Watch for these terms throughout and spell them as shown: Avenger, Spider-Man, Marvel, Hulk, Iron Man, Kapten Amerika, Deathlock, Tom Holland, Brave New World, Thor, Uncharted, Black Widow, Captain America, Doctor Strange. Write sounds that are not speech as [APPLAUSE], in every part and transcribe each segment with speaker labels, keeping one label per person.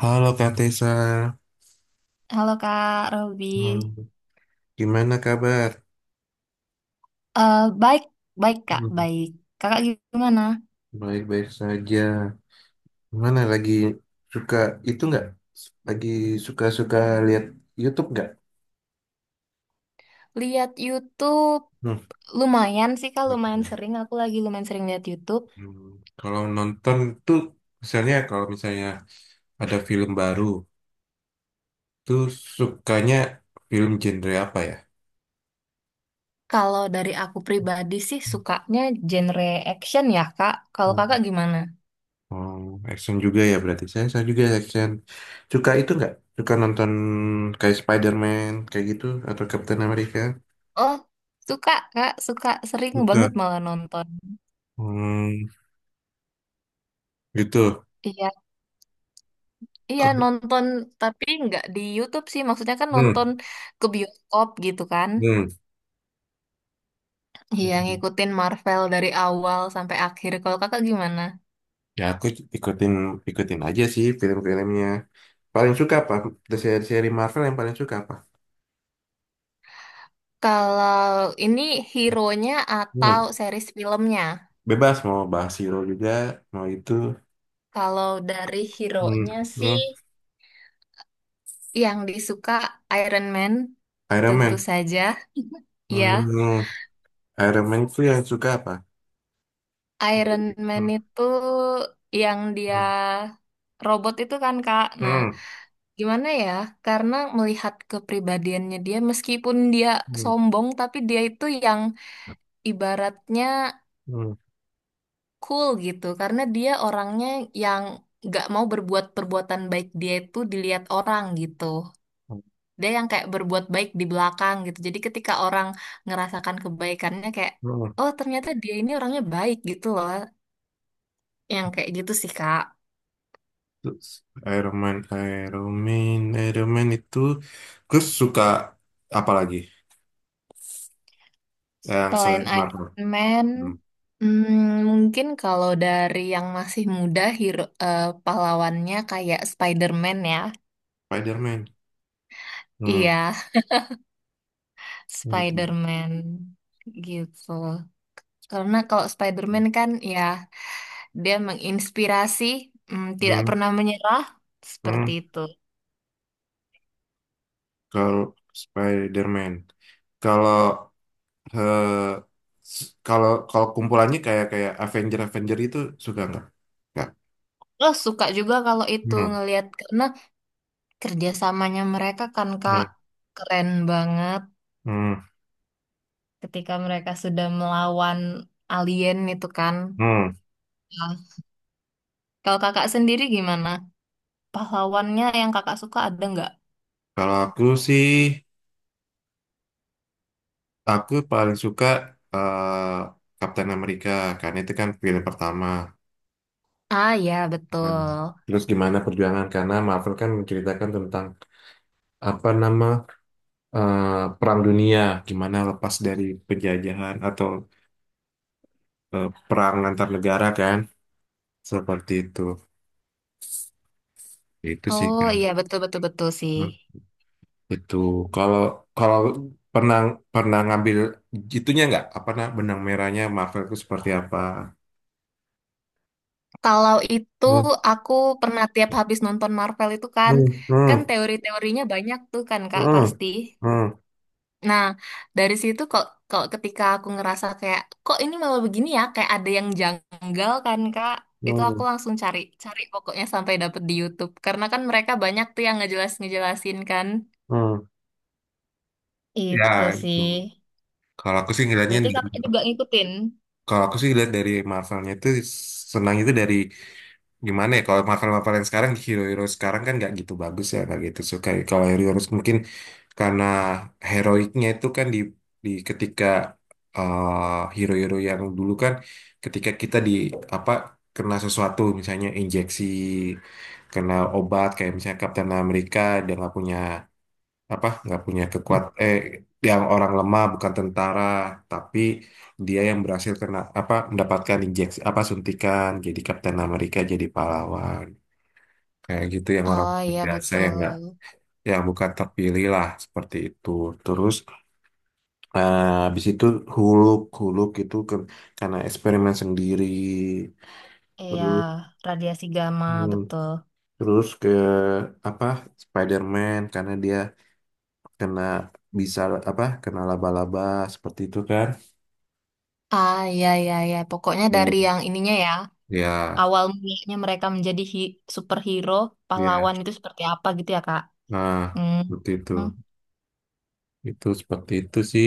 Speaker 1: Halo Kak Tessa,
Speaker 2: Halo Kak Robi.
Speaker 1: Hmm, gimana kabar?
Speaker 2: Baik, baik Kak,
Speaker 1: Hmm,
Speaker 2: baik. Kakak gimana?
Speaker 1: Baik-baik saja. Gimana lagi suka itu nggak? Lagi suka-suka lihat YouTube nggak?
Speaker 2: Lihat YouTube
Speaker 1: Hmm.
Speaker 2: lumayan sih Kak, lumayan sering. Aku lagi lumayan sering lihat YouTube.
Speaker 1: Hmm. Kalau nonton tuh, misalnya kalau misalnya ada film baru, tuh sukanya film genre apa ya?
Speaker 2: Kalau dari aku pribadi sih sukanya genre action ya Kak. Kalau Kakak gimana?
Speaker 1: Oh, action juga ya berarti. Saya juga action. Suka itu nggak? Suka nonton kayak Spider-Man kayak gitu atau Captain America?
Speaker 2: Oh, suka Kak, suka sering banget
Speaker 1: Suka.
Speaker 2: malah nonton.
Speaker 1: Hmm, gitu.
Speaker 2: Iya, iya
Speaker 1: Ko-
Speaker 2: nonton tapi nggak di YouTube sih. Maksudnya kan
Speaker 1: Hmm,
Speaker 2: nonton ke bioskop gitu kan.
Speaker 1: hmm.
Speaker 2: Iya, ngikutin Marvel dari awal sampai akhir. Kalau kakak gimana?
Speaker 1: Ya aku ikutin ikutin aja sih film-filmnya. Paling suka apa? Dari seri-seri Marvel yang paling suka apa?
Speaker 2: Kalau ini hero-nya atau
Speaker 1: Hmm.
Speaker 2: series filmnya?
Speaker 1: Bebas mau bahas hero juga, mau itu.
Speaker 2: Kalau dari
Speaker 1: Hmm.
Speaker 2: hero-nya sih
Speaker 1: Hmm.
Speaker 2: yang disuka Iron Man
Speaker 1: Iron
Speaker 2: tentu
Speaker 1: Man.
Speaker 2: saja. Ya,
Speaker 1: Hmm. Iron Man itu yang suka apa?
Speaker 2: Iron
Speaker 1: Hmm.
Speaker 2: Man itu yang dia robot itu kan Kak. Nah,
Speaker 1: Hmm.
Speaker 2: gimana ya? Karena melihat kepribadiannya dia meskipun dia
Speaker 1: Hmm.
Speaker 2: sombong tapi dia itu yang ibaratnya
Speaker 1: Hmm.
Speaker 2: cool gitu karena dia orangnya yang gak mau berbuat perbuatan baik dia itu dilihat orang gitu
Speaker 1: Oh,
Speaker 2: dia yang kayak berbuat baik di belakang gitu jadi ketika orang ngerasakan kebaikannya kayak oh ternyata dia ini orangnya baik gitu loh yang kayak gitu sih Kak
Speaker 1: terus Iron Man, Iron Man, Iron Man itu gue suka apa lagi yang
Speaker 2: selain
Speaker 1: selain Marvel?
Speaker 2: Iron Man
Speaker 1: Hmm.
Speaker 2: mungkin kalau dari yang masih muda pahlawannya kayak Spider-Man ya
Speaker 1: Spider-Man. Hmm,
Speaker 2: iya
Speaker 1: gitu.
Speaker 2: Spider-Man gitu. Karena kalau Spider-Man kan ya dia menginspirasi, tidak
Speaker 1: Hmm,
Speaker 2: pernah menyerah, seperti
Speaker 1: hmm.
Speaker 2: itu.
Speaker 1: Kalau Spider-Man, kalau eh, kalau kalau kumpulannya kayak kayak Avenger Avenger itu suka nggak? Nggak.
Speaker 2: Lo suka juga kalau itu
Speaker 1: Hmm,
Speaker 2: ngelihat karena kerjasamanya mereka kan Kak
Speaker 1: hmm,
Speaker 2: keren banget
Speaker 1: hmm,
Speaker 2: ketika mereka sudah melawan alien itu kan.
Speaker 1: hmm.
Speaker 2: Nah, kalau kakak sendiri gimana? Pahlawannya yang kakak suka ada nggak?
Speaker 1: Kalau aku sih Aku paling suka eh, Kapten Amerika karena itu kan film pertama.
Speaker 2: Ah ya
Speaker 1: Nah,
Speaker 2: betul.
Speaker 1: terus gimana perjuangan karena Marvel kan menceritakan tentang apa nama eh, perang dunia, gimana lepas dari penjajahan atau perang antar negara kan seperti itu. Itu sih.
Speaker 2: Oh iya betul betul betul sih.
Speaker 1: Hmm. Itu kalau kalau pernah pernah ngambil itunya nggak apa nah benang merahnya Marvel itu seperti apa?
Speaker 2: Kalau itu
Speaker 1: Hmm,
Speaker 2: aku pernah tiap habis nonton Marvel itu kan,
Speaker 1: hmm,
Speaker 2: kan
Speaker 1: hmm,
Speaker 2: teori-teorinya banyak tuh kan Kak
Speaker 1: hmm,
Speaker 2: pasti.
Speaker 1: hmm.
Speaker 2: Nah, dari situ kok kalau ketika aku ngerasa kayak kok ini malah begini ya, kayak ada yang janggal kan Kak, itu aku
Speaker 1: Hmm.
Speaker 2: langsung cari cari pokoknya sampai dapet di YouTube. Karena kan mereka banyak tuh yang ngejelas-ngejelasin kan.
Speaker 1: Hmm. Ya,
Speaker 2: Itu
Speaker 1: itu.
Speaker 2: sih.
Speaker 1: Kalau aku sih ngeliatnya
Speaker 2: Berarti
Speaker 1: dari
Speaker 2: kakak Juga ngikutin.
Speaker 1: kalau aku sih lihat dari Marvelnya itu senang itu dari gimana ya kalau Marvel Marvel yang sekarang hero-hero sekarang kan nggak gitu bagus ya nggak gitu suka ya. Kalau hero-hero mungkin karena heroiknya itu kan di ketika hero-hero yang dulu kan ketika kita di apa kena sesuatu misalnya injeksi kena obat kayak misalnya Captain America dia nggak punya apa nggak punya kekuat yang orang lemah bukan tentara tapi dia yang berhasil kena apa mendapatkan injeksi apa suntikan jadi Kapten Amerika jadi pahlawan kayak gitu yang orang
Speaker 2: Oh iya
Speaker 1: biasa yang nggak
Speaker 2: betul.
Speaker 1: yang bukan terpilih lah seperti itu terus habis itu Huluk Huluk itu karena eksperimen sendiri
Speaker 2: Iya,
Speaker 1: terus
Speaker 2: radiasi gamma
Speaker 1: hmm,
Speaker 2: betul.
Speaker 1: terus ke apa Spider-Man karena dia kena bisa apa kena laba-laba seperti itu kan.
Speaker 2: Ah, iya iya iya Pokoknya dari
Speaker 1: Hmm.
Speaker 2: yang ininya ya,
Speaker 1: Ya,
Speaker 2: awal mulanya mereka menjadi superhero,
Speaker 1: ya.
Speaker 2: pahlawan itu seperti apa gitu ya, Kak?
Speaker 1: Nah,
Speaker 2: Hmm.
Speaker 1: seperti itu.
Speaker 2: Hmm.
Speaker 1: Itu seperti itu sih.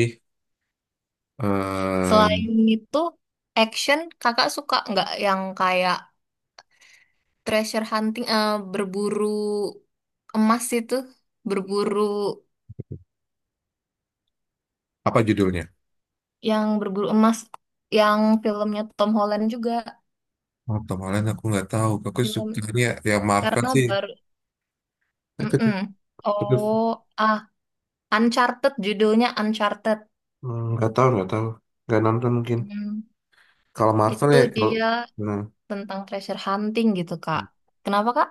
Speaker 2: Selain
Speaker 1: Em,
Speaker 2: itu, action, Kakak suka nggak yang kayak treasure hunting, berburu emas itu, berburu
Speaker 1: apa judulnya?
Speaker 2: yang berburu emas, yang filmnya Tom Holland juga,
Speaker 1: Oh, kemarin aku nggak tahu. Aku
Speaker 2: film
Speaker 1: sukanya yang Marvel
Speaker 2: karena
Speaker 1: sih.
Speaker 2: baru,
Speaker 1: Tapi
Speaker 2: Mm-mm.
Speaker 1: tapi,
Speaker 2: Oh, ah, Uncharted judulnya Uncharted.
Speaker 1: nggak tahu, nggak tahu. Nggak nonton mungkin.
Speaker 2: Hmm.
Speaker 1: Kalau Marvel
Speaker 2: Itu
Speaker 1: ya,
Speaker 2: dia
Speaker 1: hmm,
Speaker 2: tentang treasure hunting gitu, Kak. Kenapa, Kak?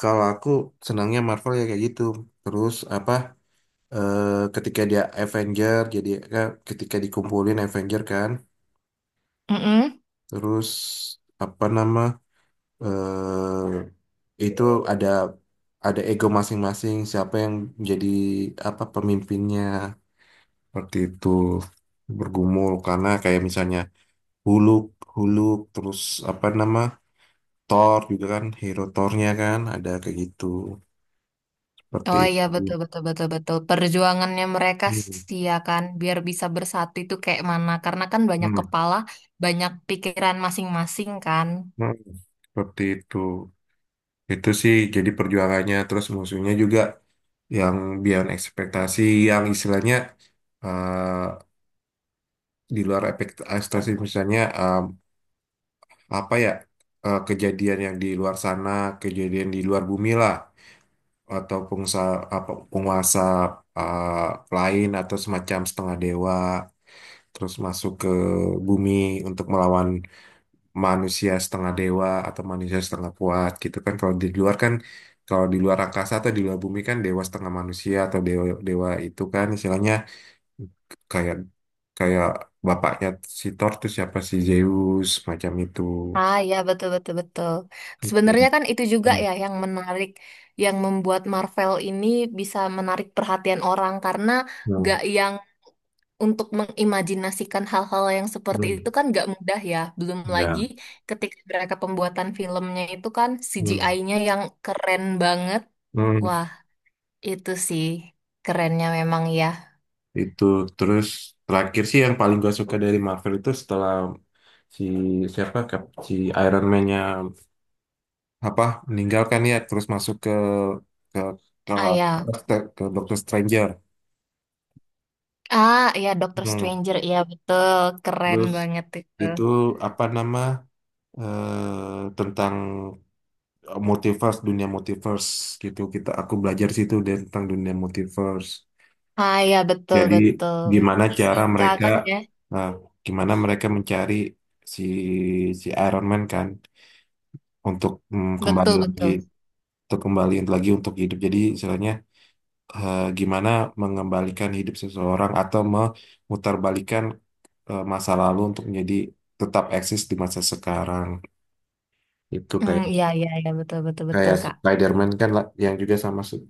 Speaker 1: kalau aku senangnya Marvel ya kayak gitu. Terus apa? eh, Ketika dia Avenger, jadi ketika dikumpulin Avenger kan.
Speaker 2: Mm-mm.
Speaker 1: Terus apa nama? Eh, itu ada ada ego masing-masing siapa yang jadi apa pemimpinnya seperti itu bergumul karena kayak misalnya Huluk Huluk terus apa nama Thor juga kan hero Thornya kan ada kayak gitu seperti
Speaker 2: Oh iya,
Speaker 1: itu.
Speaker 2: betul, betul, betul, betul. Perjuangannya mereka
Speaker 1: Hmm.
Speaker 2: sih ya kan, biar bisa bersatu itu kayak mana. Karena kan banyak
Speaker 1: Hmm.
Speaker 2: kepala, banyak pikiran masing-masing kan.
Speaker 1: Hmm. Seperti itu sih jadi perjuangannya terus musuhnya juga yang biar ekspektasi yang istilahnya eh, di luar ekspektasi misalnya apa ya kejadian yang di luar sana kejadian di luar bumi lah atau pengusaha apa penguasa uh, lain atau semacam setengah dewa terus masuk ke bumi untuk melawan manusia setengah dewa atau manusia setengah kuat gitu kan kalau di luar kan kalau di luar angkasa atau di luar bumi kan dewa setengah manusia atau dewa dewa itu kan istilahnya kayak kayak bapaknya si Thor tuh siapa si Zeus macam itu.
Speaker 2: Ah iya, betul, betul, betul.
Speaker 1: Itu.
Speaker 2: Sebenarnya kan itu juga
Speaker 1: Hmm.
Speaker 2: ya yang menarik, yang membuat Marvel ini bisa menarik perhatian orang. Karena
Speaker 1: Hmm.
Speaker 2: gak yang untuk mengimajinasikan hal-hal yang seperti
Speaker 1: Hmm.
Speaker 2: itu kan nggak mudah ya. Belum lagi
Speaker 1: Ya.
Speaker 2: ketika mereka pembuatan filmnya itu kan
Speaker 1: Hmm.
Speaker 2: CGI-nya yang keren banget.
Speaker 1: Hmm.
Speaker 2: Wah, itu sih kerennya memang ya.
Speaker 1: Itu terus terakhir sih yang paling gue suka dari Marvel itu setelah si siapa si Iron Man-nya apa meninggalkan ya terus masuk ke ke ke,
Speaker 2: Ah ya,
Speaker 1: Doctor Stranger.
Speaker 2: ah ya Doctor
Speaker 1: Hmm.
Speaker 2: Stranger ya betul keren
Speaker 1: Terus
Speaker 2: banget itu.
Speaker 1: itu apa nama tentang multiverse dunia multiverse gitu aku belajar situ deh tentang dunia multiverse
Speaker 2: Ah ya betul
Speaker 1: jadi
Speaker 2: betul.
Speaker 1: gimana cara
Speaker 2: Fisika
Speaker 1: mereka
Speaker 2: kan ya.
Speaker 1: eh, gimana mereka mencari si si Iron Man kan untuk kembali
Speaker 2: Betul
Speaker 1: lagi
Speaker 2: betul.
Speaker 1: untuk hidup jadi istilahnya gimana mengembalikan hidup seseorang atau memutarbalikan masa lalu untuk menjadi tetap eksis di masa sekarang itu
Speaker 2: Hmm,
Speaker 1: kayak
Speaker 2: iya iya iya betul betul
Speaker 1: kayak
Speaker 2: betul Kak.
Speaker 1: Spider-Man kan yang juga sama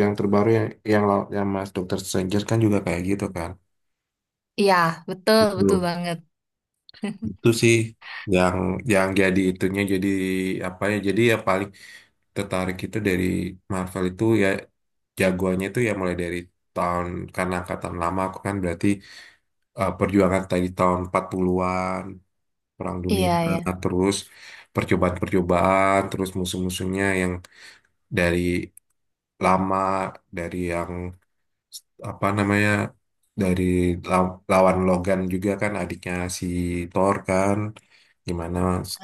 Speaker 1: yang terbaru yang Mas Dokter Stranger kan juga kayak gitu kan.
Speaker 2: Iya, betul betul
Speaker 1: Betul.
Speaker 2: banget. [LAUGHS]
Speaker 1: Itu sih yang yang jadi itunya jadi apa ya jadi ya paling tertarik itu dari Marvel itu ya jagoannya itu ya mulai dari tahun karena angkatan lama aku kan berarti perjuangan tadi tahun 40-an Perang Dunia
Speaker 2: Iya ya.
Speaker 1: terus percobaan-percobaan terus musuh-musuhnya yang dari lama dari yang apa namanya dari lawan Logan juga kan adiknya si Thor kan gimana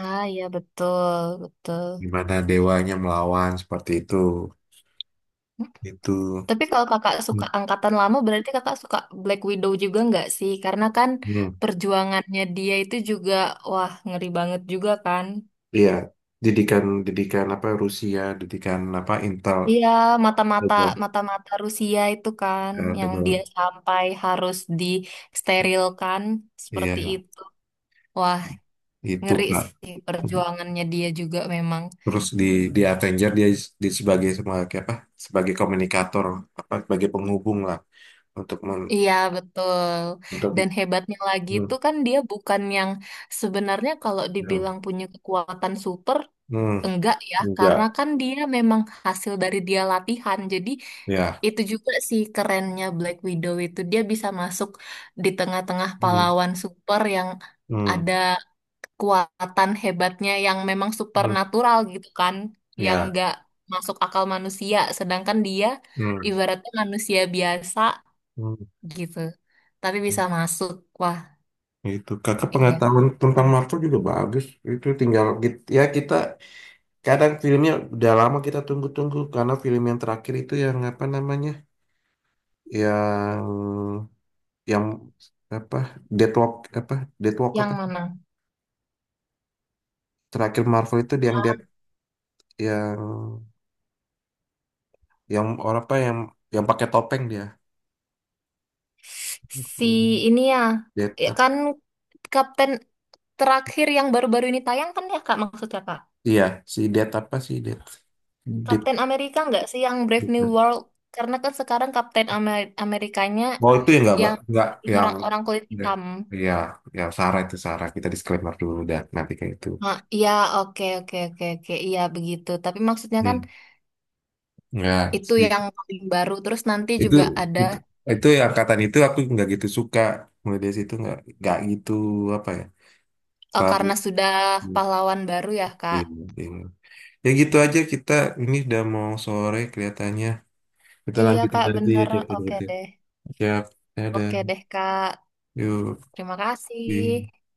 Speaker 2: Ah iya betul betul.
Speaker 1: gimana dewanya melawan seperti itu itu.
Speaker 2: Tapi kalau kakak suka
Speaker 1: Hmm.
Speaker 2: angkatan lama, berarti kakak suka Black Widow juga nggak sih? Karena kan
Speaker 1: Hmm,
Speaker 2: perjuangannya dia itu juga, wah ngeri banget juga kan.
Speaker 1: iya didikan didikan apa Rusia didikan apa Intel
Speaker 2: Iya, mata-mata
Speaker 1: double
Speaker 2: mata-mata Rusia itu kan, yang dia
Speaker 1: double
Speaker 2: sampai harus disterilkan seperti
Speaker 1: iya
Speaker 2: itu. Wah,
Speaker 1: itu
Speaker 2: ngeri
Speaker 1: Kak.
Speaker 2: sih perjuangannya dia juga memang.
Speaker 1: Terus di Avenger dia di sebagai sebagai apa sebagai komunikator apa sebagai penghubung lah untuk
Speaker 2: Iya, betul.
Speaker 1: untuk
Speaker 2: Dan hebatnya lagi
Speaker 1: hmm,
Speaker 2: itu kan dia bukan yang sebenarnya kalau
Speaker 1: hmm.
Speaker 2: dibilang punya kekuatan super,
Speaker 1: Hmm,
Speaker 2: Enggak ya, karena
Speaker 1: enggak.
Speaker 2: kan dia memang hasil dari dia latihan. Jadi
Speaker 1: Ya.
Speaker 2: itu juga sih kerennya Black Widow itu dia bisa masuk di tengah-tengah
Speaker 1: Hmm.
Speaker 2: pahlawan super yang
Speaker 1: Hmm.
Speaker 2: ada kekuatan hebatnya yang memang
Speaker 1: Hmm.
Speaker 2: supernatural gitu kan, yang
Speaker 1: Ya.
Speaker 2: nggak masuk akal manusia. Sedangkan dia
Speaker 1: Hmm.
Speaker 2: ibaratnya manusia biasa
Speaker 1: Hmm.
Speaker 2: gitu, tapi bisa masuk. Wah,
Speaker 1: Itu kakak
Speaker 2: iya.
Speaker 1: pengetahuan tentang Marvel juga bagus. Itu tinggal ya kita kadang filmnya udah lama kita tunggu-tunggu karena film yang terakhir itu yang apa namanya? Yang yang apa? Deathlock apa? Deathlock
Speaker 2: Yang
Speaker 1: apa?
Speaker 2: mana?
Speaker 1: Terakhir Marvel itu yang dead yang yang orang apa yang pakai topeng dia.
Speaker 2: Si
Speaker 1: Hmm,
Speaker 2: ini ya, ya kan
Speaker 1: Death.
Speaker 2: Kapten Terakhir yang baru-baru ini tayang kan ya Kak maksudnya Kak.
Speaker 1: Iya, si Death apa sih Death?
Speaker 2: Kapten Amerika nggak sih yang Brave New
Speaker 1: Death.
Speaker 2: World? Karena kan sekarang Amerikanya
Speaker 1: Oh itu ya nggak, Mbak?
Speaker 2: yang
Speaker 1: Nggak yang
Speaker 2: orang-orang kulit
Speaker 1: udah.
Speaker 2: hitam.
Speaker 1: Iya, ya Sarah itu Sarah. Kita disclaimer dulu dah nanti kayak itu.
Speaker 2: Nah, iya oke oke oke oke iya begitu. Tapi maksudnya kan
Speaker 1: Hmm. Nggak
Speaker 2: itu
Speaker 1: sih.
Speaker 2: yang paling baru. Terus nanti
Speaker 1: Itu
Speaker 2: juga ada
Speaker 1: itu yang angkatan itu aku nggak gitu suka. Mulai dari situ nggak gitu apa ya? Terlalu
Speaker 2: karena sudah pahlawan baru ya Kak.
Speaker 1: Iya, iya. Ya gitu aja kita ini udah mau sore kelihatannya. Kita
Speaker 2: Iya
Speaker 1: lanjutin
Speaker 2: Kak
Speaker 1: nanti ya
Speaker 2: bener.
Speaker 1: kayak
Speaker 2: Oke
Speaker 1: gitu.
Speaker 2: deh.
Speaker 1: Ya, ada.
Speaker 2: Oke deh Kak.
Speaker 1: Yuk.
Speaker 2: Terima
Speaker 1: Di-
Speaker 2: kasih.